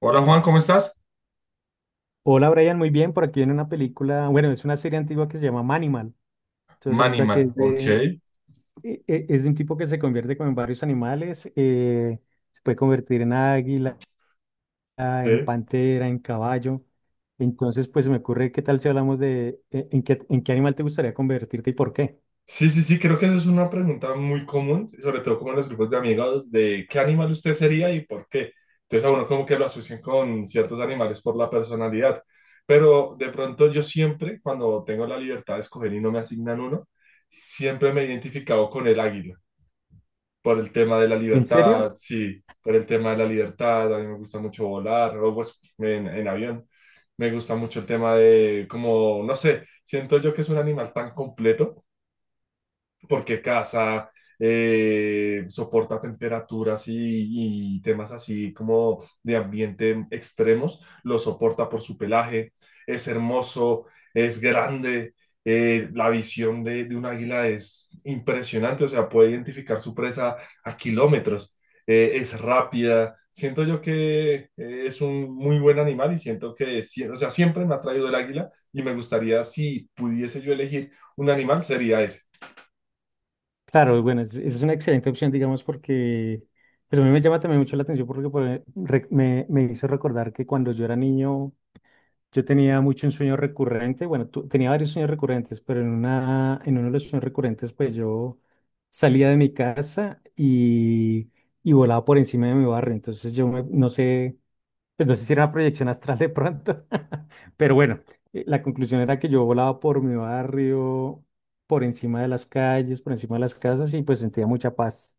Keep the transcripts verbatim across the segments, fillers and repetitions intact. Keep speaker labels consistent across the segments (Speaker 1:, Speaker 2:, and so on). Speaker 1: Hola Juan, ¿cómo estás?
Speaker 2: Hola Brian, muy bien. Por aquí viene una película, bueno, es una serie antigua que se llama Manimal. Entonces resulta que
Speaker 1: Maniman,
Speaker 2: es
Speaker 1: ok.
Speaker 2: de, e- e- es de un tipo que se convierte como en varios animales. Eh, se puede convertir en águila, en
Speaker 1: Sí.
Speaker 2: pantera, en caballo. Entonces, pues se me ocurre, ¿qué tal si hablamos de eh, en qué, en qué animal te gustaría convertirte y por qué?
Speaker 1: Sí, sí, sí, creo que eso es una pregunta muy común, sobre todo como en los grupos de amigos, de qué animal usted sería y por qué. Entonces a uno como que lo asocian con ciertos animales por la personalidad. Pero de pronto yo siempre, cuando tengo la libertad de escoger y no me asignan uno, siempre me he identificado con el águila. Por el tema de la
Speaker 2: ¿En
Speaker 1: libertad,
Speaker 2: serio?
Speaker 1: sí, por el tema de la libertad, a mí me gusta mucho volar, o pues en, en avión, me gusta mucho el tema de, como, no sé, siento yo que es un animal tan completo porque casa, eh, soporta temperaturas y, y temas así como de ambiente extremos, lo soporta por su pelaje, es hermoso, es grande, eh, la visión de, de un águila es impresionante, o sea, puede identificar su presa a kilómetros, eh, es rápida. Siento yo que eh, es un muy buen animal y siento que, sie- o sea, siempre me ha traído el águila y me gustaría, si pudiese yo elegir un animal, sería ese.
Speaker 2: Claro, bueno, es- esa es una excelente opción, digamos, porque pues a mí me llama también mucho la atención porque por e- re- me, me hizo recordar que cuando yo era niño yo tenía mucho un sueño recurrente, bueno, tu- tenía varios sueños recurrentes, pero en una, en uno de los sueños recurrentes, pues yo salía de mi casa y, y volaba por encima de mi barrio. Entonces yo me- no sé, pues no sé si era una proyección astral de pronto, pero bueno, eh, la conclusión era que yo volaba por mi barrio, por encima de las calles, por encima de las casas y pues sentía mucha paz.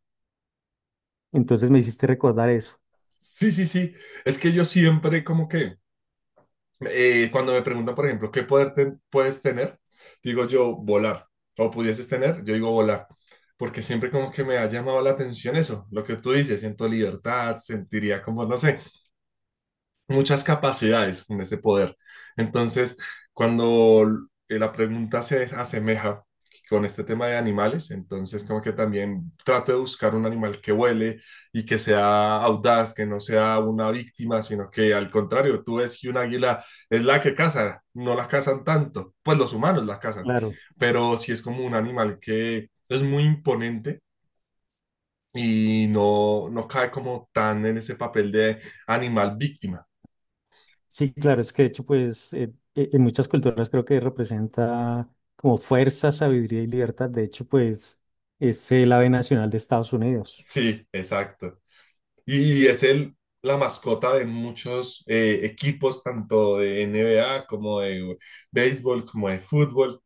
Speaker 2: Entonces me hiciste recordar eso,
Speaker 1: Sí, sí, sí. Es que yo siempre como que, eh, cuando me preguntan, por ejemplo, ¿qué poder ten- puedes tener? Digo yo, volar. O pudieses tener, yo digo volar. Porque siempre como que me ha llamado la atención eso, lo que tú dices, siento libertad, sentiría como, no sé, muchas capacidades con ese poder. Entonces, cuando eh, la pregunta se asemeja con este tema de animales, entonces como que también trato de buscar un animal que huele y que sea audaz, que no sea una víctima, sino que al contrario, tú ves que un águila es la que caza, no la cazan tanto, pues los humanos la cazan,
Speaker 2: claro.
Speaker 1: pero si es como un animal que es muy imponente y no, no cae como tan en ese papel de animal víctima.
Speaker 2: Sí, claro, es que de hecho, pues eh, eh, en muchas culturas creo que representa como fuerza, sabiduría y libertad. De hecho, pues es el ave nacional de Estados Unidos.
Speaker 1: Sí, exacto. Y es el, la mascota de muchos eh, equipos, tanto de N B A como de béisbol, como de fútbol.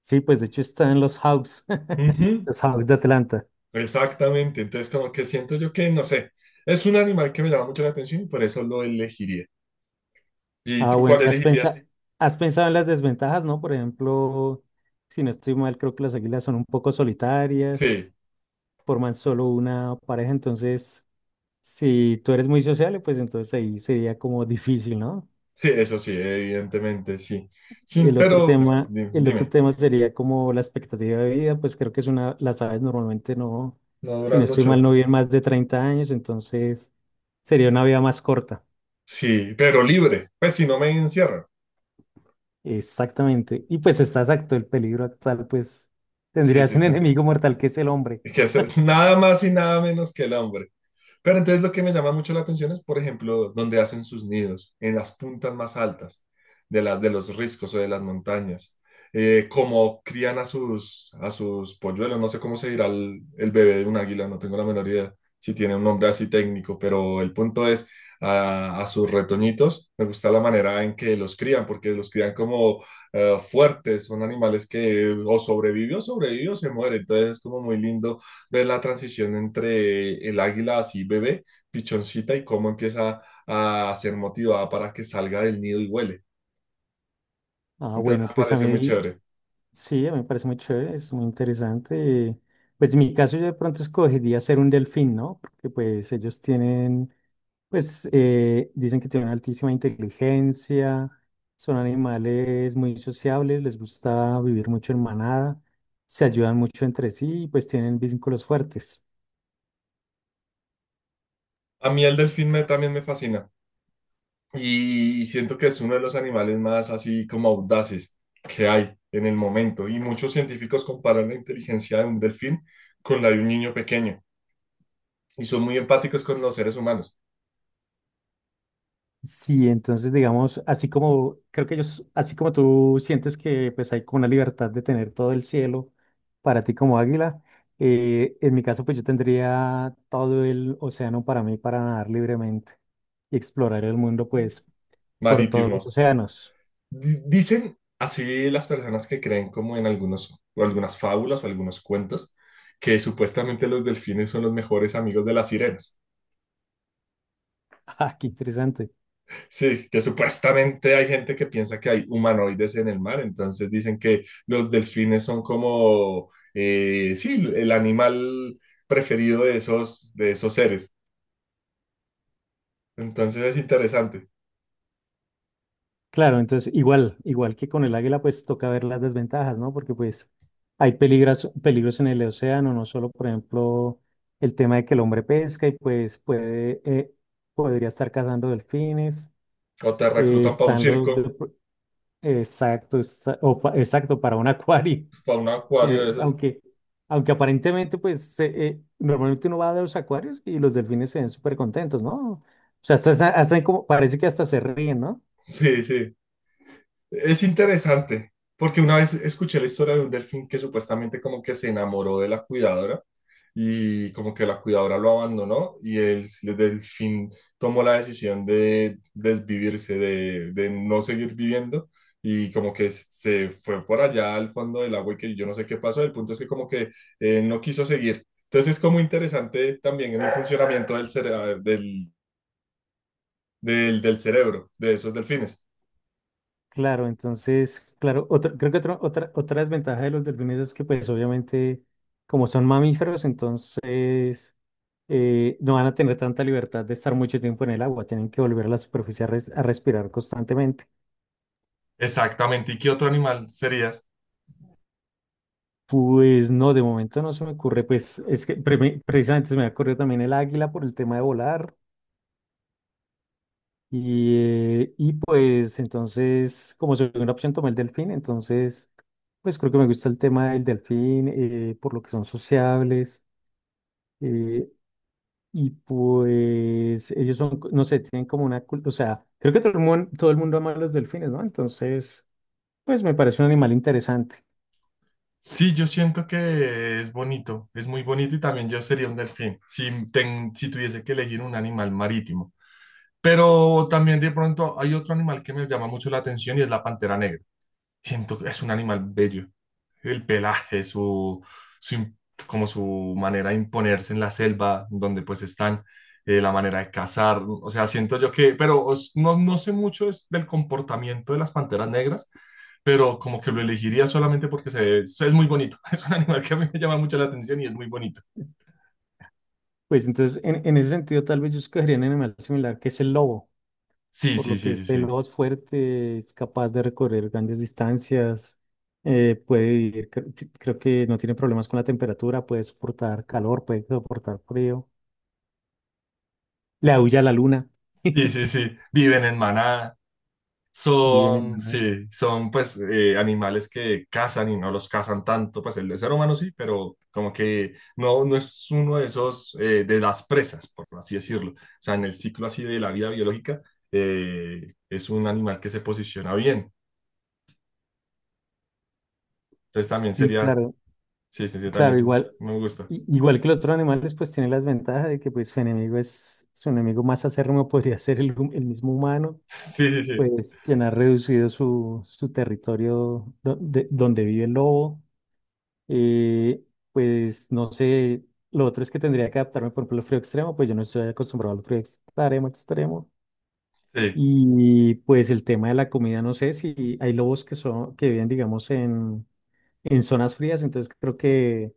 Speaker 2: Sí, pues de hecho está en los Hawks,
Speaker 1: Ujú,
Speaker 2: los Hawks de Atlanta.
Speaker 1: exactamente. Entonces, como que siento yo que, no sé, es un animal que me llama mucho la atención y por eso lo elegiría. ¿Y
Speaker 2: Ah,
Speaker 1: tú
Speaker 2: bueno,
Speaker 1: cuál
Speaker 2: ¿y has pensado,
Speaker 1: elegirías?
Speaker 2: has pensado en las desventajas, ¿no? Por ejemplo, si no estoy mal, creo que las águilas son un poco solitarias,
Speaker 1: Sí,
Speaker 2: forman solo una pareja, entonces si tú eres muy sociable, pues entonces ahí sería como difícil, ¿no?
Speaker 1: sí, eso sí, evidentemente, sí. Sí,
Speaker 2: El otro
Speaker 1: pero
Speaker 2: tema,
Speaker 1: di-
Speaker 2: el otro
Speaker 1: dime,
Speaker 2: tema sería como la expectativa de vida, pues creo que es una, las aves normalmente no,
Speaker 1: no
Speaker 2: si no
Speaker 1: duran
Speaker 2: estoy mal,
Speaker 1: mucho.
Speaker 2: no viven más de treinta años, entonces sería una vida más corta.
Speaker 1: Sí, pero libre, pues si no me encierran.
Speaker 2: Exactamente. Y pues está exacto, el peligro actual, pues
Speaker 1: Sí,
Speaker 2: tendrías
Speaker 1: sí,
Speaker 2: un
Speaker 1: sí.
Speaker 2: enemigo mortal que es el hombre.
Speaker 1: Es que es es nada más y nada menos que el hambre. Pero entonces lo que me llama mucho la atención es, por ejemplo, donde hacen sus nidos, en las puntas más altas de las de los riscos o de las montañas. Eh, cómo crían a sus, a sus polluelos, no sé cómo se dirá el, el bebé de un águila, no tengo la menor idea si tiene un nombre así técnico, pero el punto es a, a sus retoñitos, me gusta la manera en que los crían, porque los crían como eh, fuertes, son animales que o sobrevivió, sobrevivió, se muere, entonces es como muy lindo ver la transición entre el águila así bebé, pichoncita, y cómo empieza a ser motivada para que salga del nido y huele.
Speaker 2: Ah,
Speaker 1: Entonces
Speaker 2: bueno,
Speaker 1: me
Speaker 2: pues a
Speaker 1: parece muy
Speaker 2: mí,
Speaker 1: chévere.
Speaker 2: sí, a mí me parece muy chévere, es muy interesante. Pues en mi caso yo de pronto escogería ser un delfín, ¿no? Porque pues ellos tienen, pues eh, dicen que tienen altísima inteligencia, son animales muy sociables, les gusta vivir mucho en manada, se ayudan mucho entre sí y pues tienen vínculos fuertes.
Speaker 1: A mí el delfín me, también me fascina y siento que es uno de los animales más así como audaces que hay en el momento y muchos científicos comparan la inteligencia de un delfín con la de un niño pequeño y son muy empáticos con los seres humanos
Speaker 2: Sí, entonces digamos, así como creo que ellos, así como tú sientes que pues hay como una libertad de tener todo el cielo para ti como águila, eh, en mi caso pues yo tendría todo el océano para mí para nadar libremente y explorar el mundo pues por todos los
Speaker 1: marítimos.
Speaker 2: océanos.
Speaker 1: Di- Dicen así las personas que creen como en algunos, o algunas fábulas o algunos cuentos, que supuestamente los delfines son los mejores amigos de las sirenas.
Speaker 2: Ah, qué interesante.
Speaker 1: Sí, que supuestamente hay gente que piensa que hay humanoides en el mar, entonces dicen que los delfines son como, eh, sí, el animal preferido de esos, de esos seres. Entonces es interesante.
Speaker 2: Claro, entonces igual, igual que con el águila, pues toca ver las desventajas, ¿no? Porque pues hay peligros, peligros en el océano, no solo, por ejemplo, el tema de que el hombre pesca y pues puede, eh, podría estar cazando delfines,
Speaker 1: O te
Speaker 2: eh,
Speaker 1: reclutan para un
Speaker 2: están
Speaker 1: circo,
Speaker 2: los, de- exacto, está- o pa- exacto, para un acuario,
Speaker 1: para un acuario
Speaker 2: que
Speaker 1: de esos.
Speaker 2: aunque, aunque aparentemente, pues se- eh, normalmente uno va a los acuarios y los delfines se ven súper contentos, ¿no? O sea, hasta, hasta como, parece que hasta se ríen, ¿no?
Speaker 1: Sí, sí. Es interesante, porque una vez escuché la historia de un delfín que supuestamente como que se enamoró de la cuidadora y como que la cuidadora lo abandonó y el, el delfín tomó la decisión de desvivirse, de, de no seguir viviendo y como que se fue por allá al fondo del agua y que yo no sé qué pasó. El punto es que como que eh, no quiso seguir. Entonces es como interesante también en el funcionamiento del, cere- del, del, del cerebro de esos delfines.
Speaker 2: Claro, entonces, claro, otra, creo que otra, otra, otra desventaja de los delfines es que pues obviamente como son mamíferos, entonces eh, no van a tener tanta libertad de estar mucho tiempo en el agua, tienen que volver a la superficie a, res- a respirar constantemente.
Speaker 1: Exactamente. ¿Y qué otro animal serías?
Speaker 2: Pues no, de momento no se me ocurre, pues es que pre- precisamente se me ha ocurrido también el águila por el tema de volar y, eh, y pues entonces como segunda opción tomé el delfín, entonces pues creo que me gusta el tema del delfín, eh, por lo que son sociables. Eh, y pues ellos son, co- no sé, tienen como una cultura, o sea, creo que todo el mundo, todo el mundo ama a los delfines, ¿no? Entonces, pues me parece un animal interesante.
Speaker 1: Sí, yo siento que es bonito, es muy bonito y también yo sería un delfín, si, ten- si tuviese que elegir un animal marítimo. Pero también de pronto hay otro animal que me llama mucho la atención y es la pantera negra. Siento que es un animal bello. El pelaje, su, su im- como su manera de imponerse en la selva donde pues están, eh, la manera de cazar, o sea, siento yo que, pero os- no, no sé mucho es del comportamiento de las panteras negras, pero como que lo elegiría solamente porque se, se- es muy bonito, es un animal que a mí me llama mucho la atención y es muy bonito.
Speaker 2: Pues entonces, en, en ese sentido, tal vez yo escogería un animal similar que es el lobo,
Speaker 1: Sí,
Speaker 2: por
Speaker 1: sí,
Speaker 2: lo
Speaker 1: sí,
Speaker 2: que
Speaker 1: sí,
Speaker 2: el
Speaker 1: sí.
Speaker 2: lobo es fuerte, es capaz de recorrer grandes distancias, eh, puede vivir, cre- cre- creo que no tiene problemas con la temperatura, puede soportar calor, puede soportar frío, le aúlla a la luna,
Speaker 1: Sí, sí, sí. Viven en manada.
Speaker 2: viven en...
Speaker 1: Son, sí, son pues eh, animales que cazan y no los cazan tanto, pues el ser humano sí, pero como que no, no es uno de esos, eh, de las presas, por así decirlo. O sea, en el ciclo así de la vida biológica, eh, es un animal que se posiciona bien. Entonces también
Speaker 2: Sí,
Speaker 1: sería,
Speaker 2: claro.
Speaker 1: sí, sí, sí, también
Speaker 2: Claro,
Speaker 1: sí,
Speaker 2: igual,
Speaker 1: me gusta.
Speaker 2: i- igual que los otros animales, pues tiene las ventajas de que pues su enemigo es, su enemigo más acérrimo podría ser el, hum- el mismo humano,
Speaker 1: Sí, sí, sí,
Speaker 2: pues quien ha reducido su, su territorio do- de- donde vive el lobo. Eh, pues no sé, lo otro es que tendría que adaptarme, por ejemplo, al frío extremo, pues yo no estoy acostumbrado al frío extremo, extremo.
Speaker 1: sí.
Speaker 2: Y pues el tema de la comida, no sé si hay lobos que son, que viven, digamos, en, en zonas frías, entonces creo que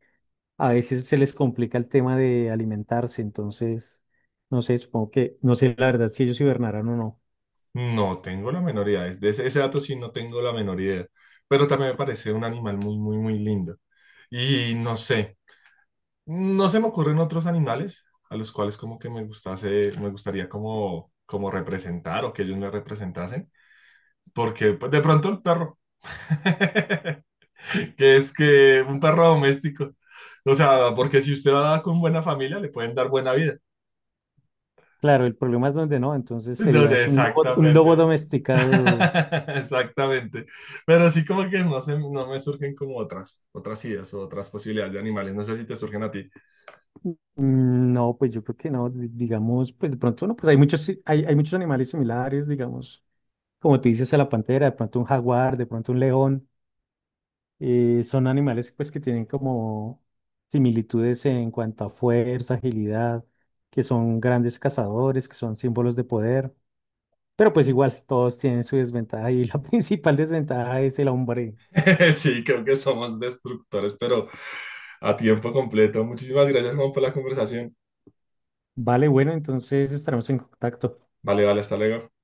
Speaker 2: a veces se les complica el tema de alimentarse, entonces, no sé, supongo que, no sé la verdad si ellos hibernaran o no.
Speaker 1: No tengo la menor idea. De ese, ese dato sí no tengo la menor idea. Pero también me parece un animal muy, muy, muy lindo. Y no sé. No se me ocurren otros animales a los cuales como que me gustase, me gustaría como, como representar o que ellos me representasen, porque pues, de pronto el perro, que es que un perro doméstico, o sea, porque si usted va con buena familia le pueden dar buena vida.
Speaker 2: Claro, el problema es donde no, entonces
Speaker 1: Entonces,
Speaker 2: serías un lobo, un lobo
Speaker 1: exactamente.
Speaker 2: domesticado.
Speaker 1: Exactamente. Pero sí como que no, se, no me surgen como otras, otras ideas o otras posibilidades de animales. No sé si te surgen a ti.
Speaker 2: Mm, no, pues yo creo que no, di- digamos, pues de pronto no, pues hay muchos, si- hay, hay muchos animales similares, digamos, como tú dices a la pantera, de pronto un jaguar, de pronto un león, eh, son animales pues que tienen como similitudes en cuanto a fuerza, agilidad, que son grandes cazadores, que son símbolos de poder. Pero pues igual, todos tienen su desventaja y la principal desventaja es el hombre.
Speaker 1: Sí, creo que somos destructores, pero a tiempo completo. Muchísimas gracias, Juan, por la conversación.
Speaker 2: Vale, bueno, entonces estaremos en contacto.
Speaker 1: Vale, vale, hasta luego.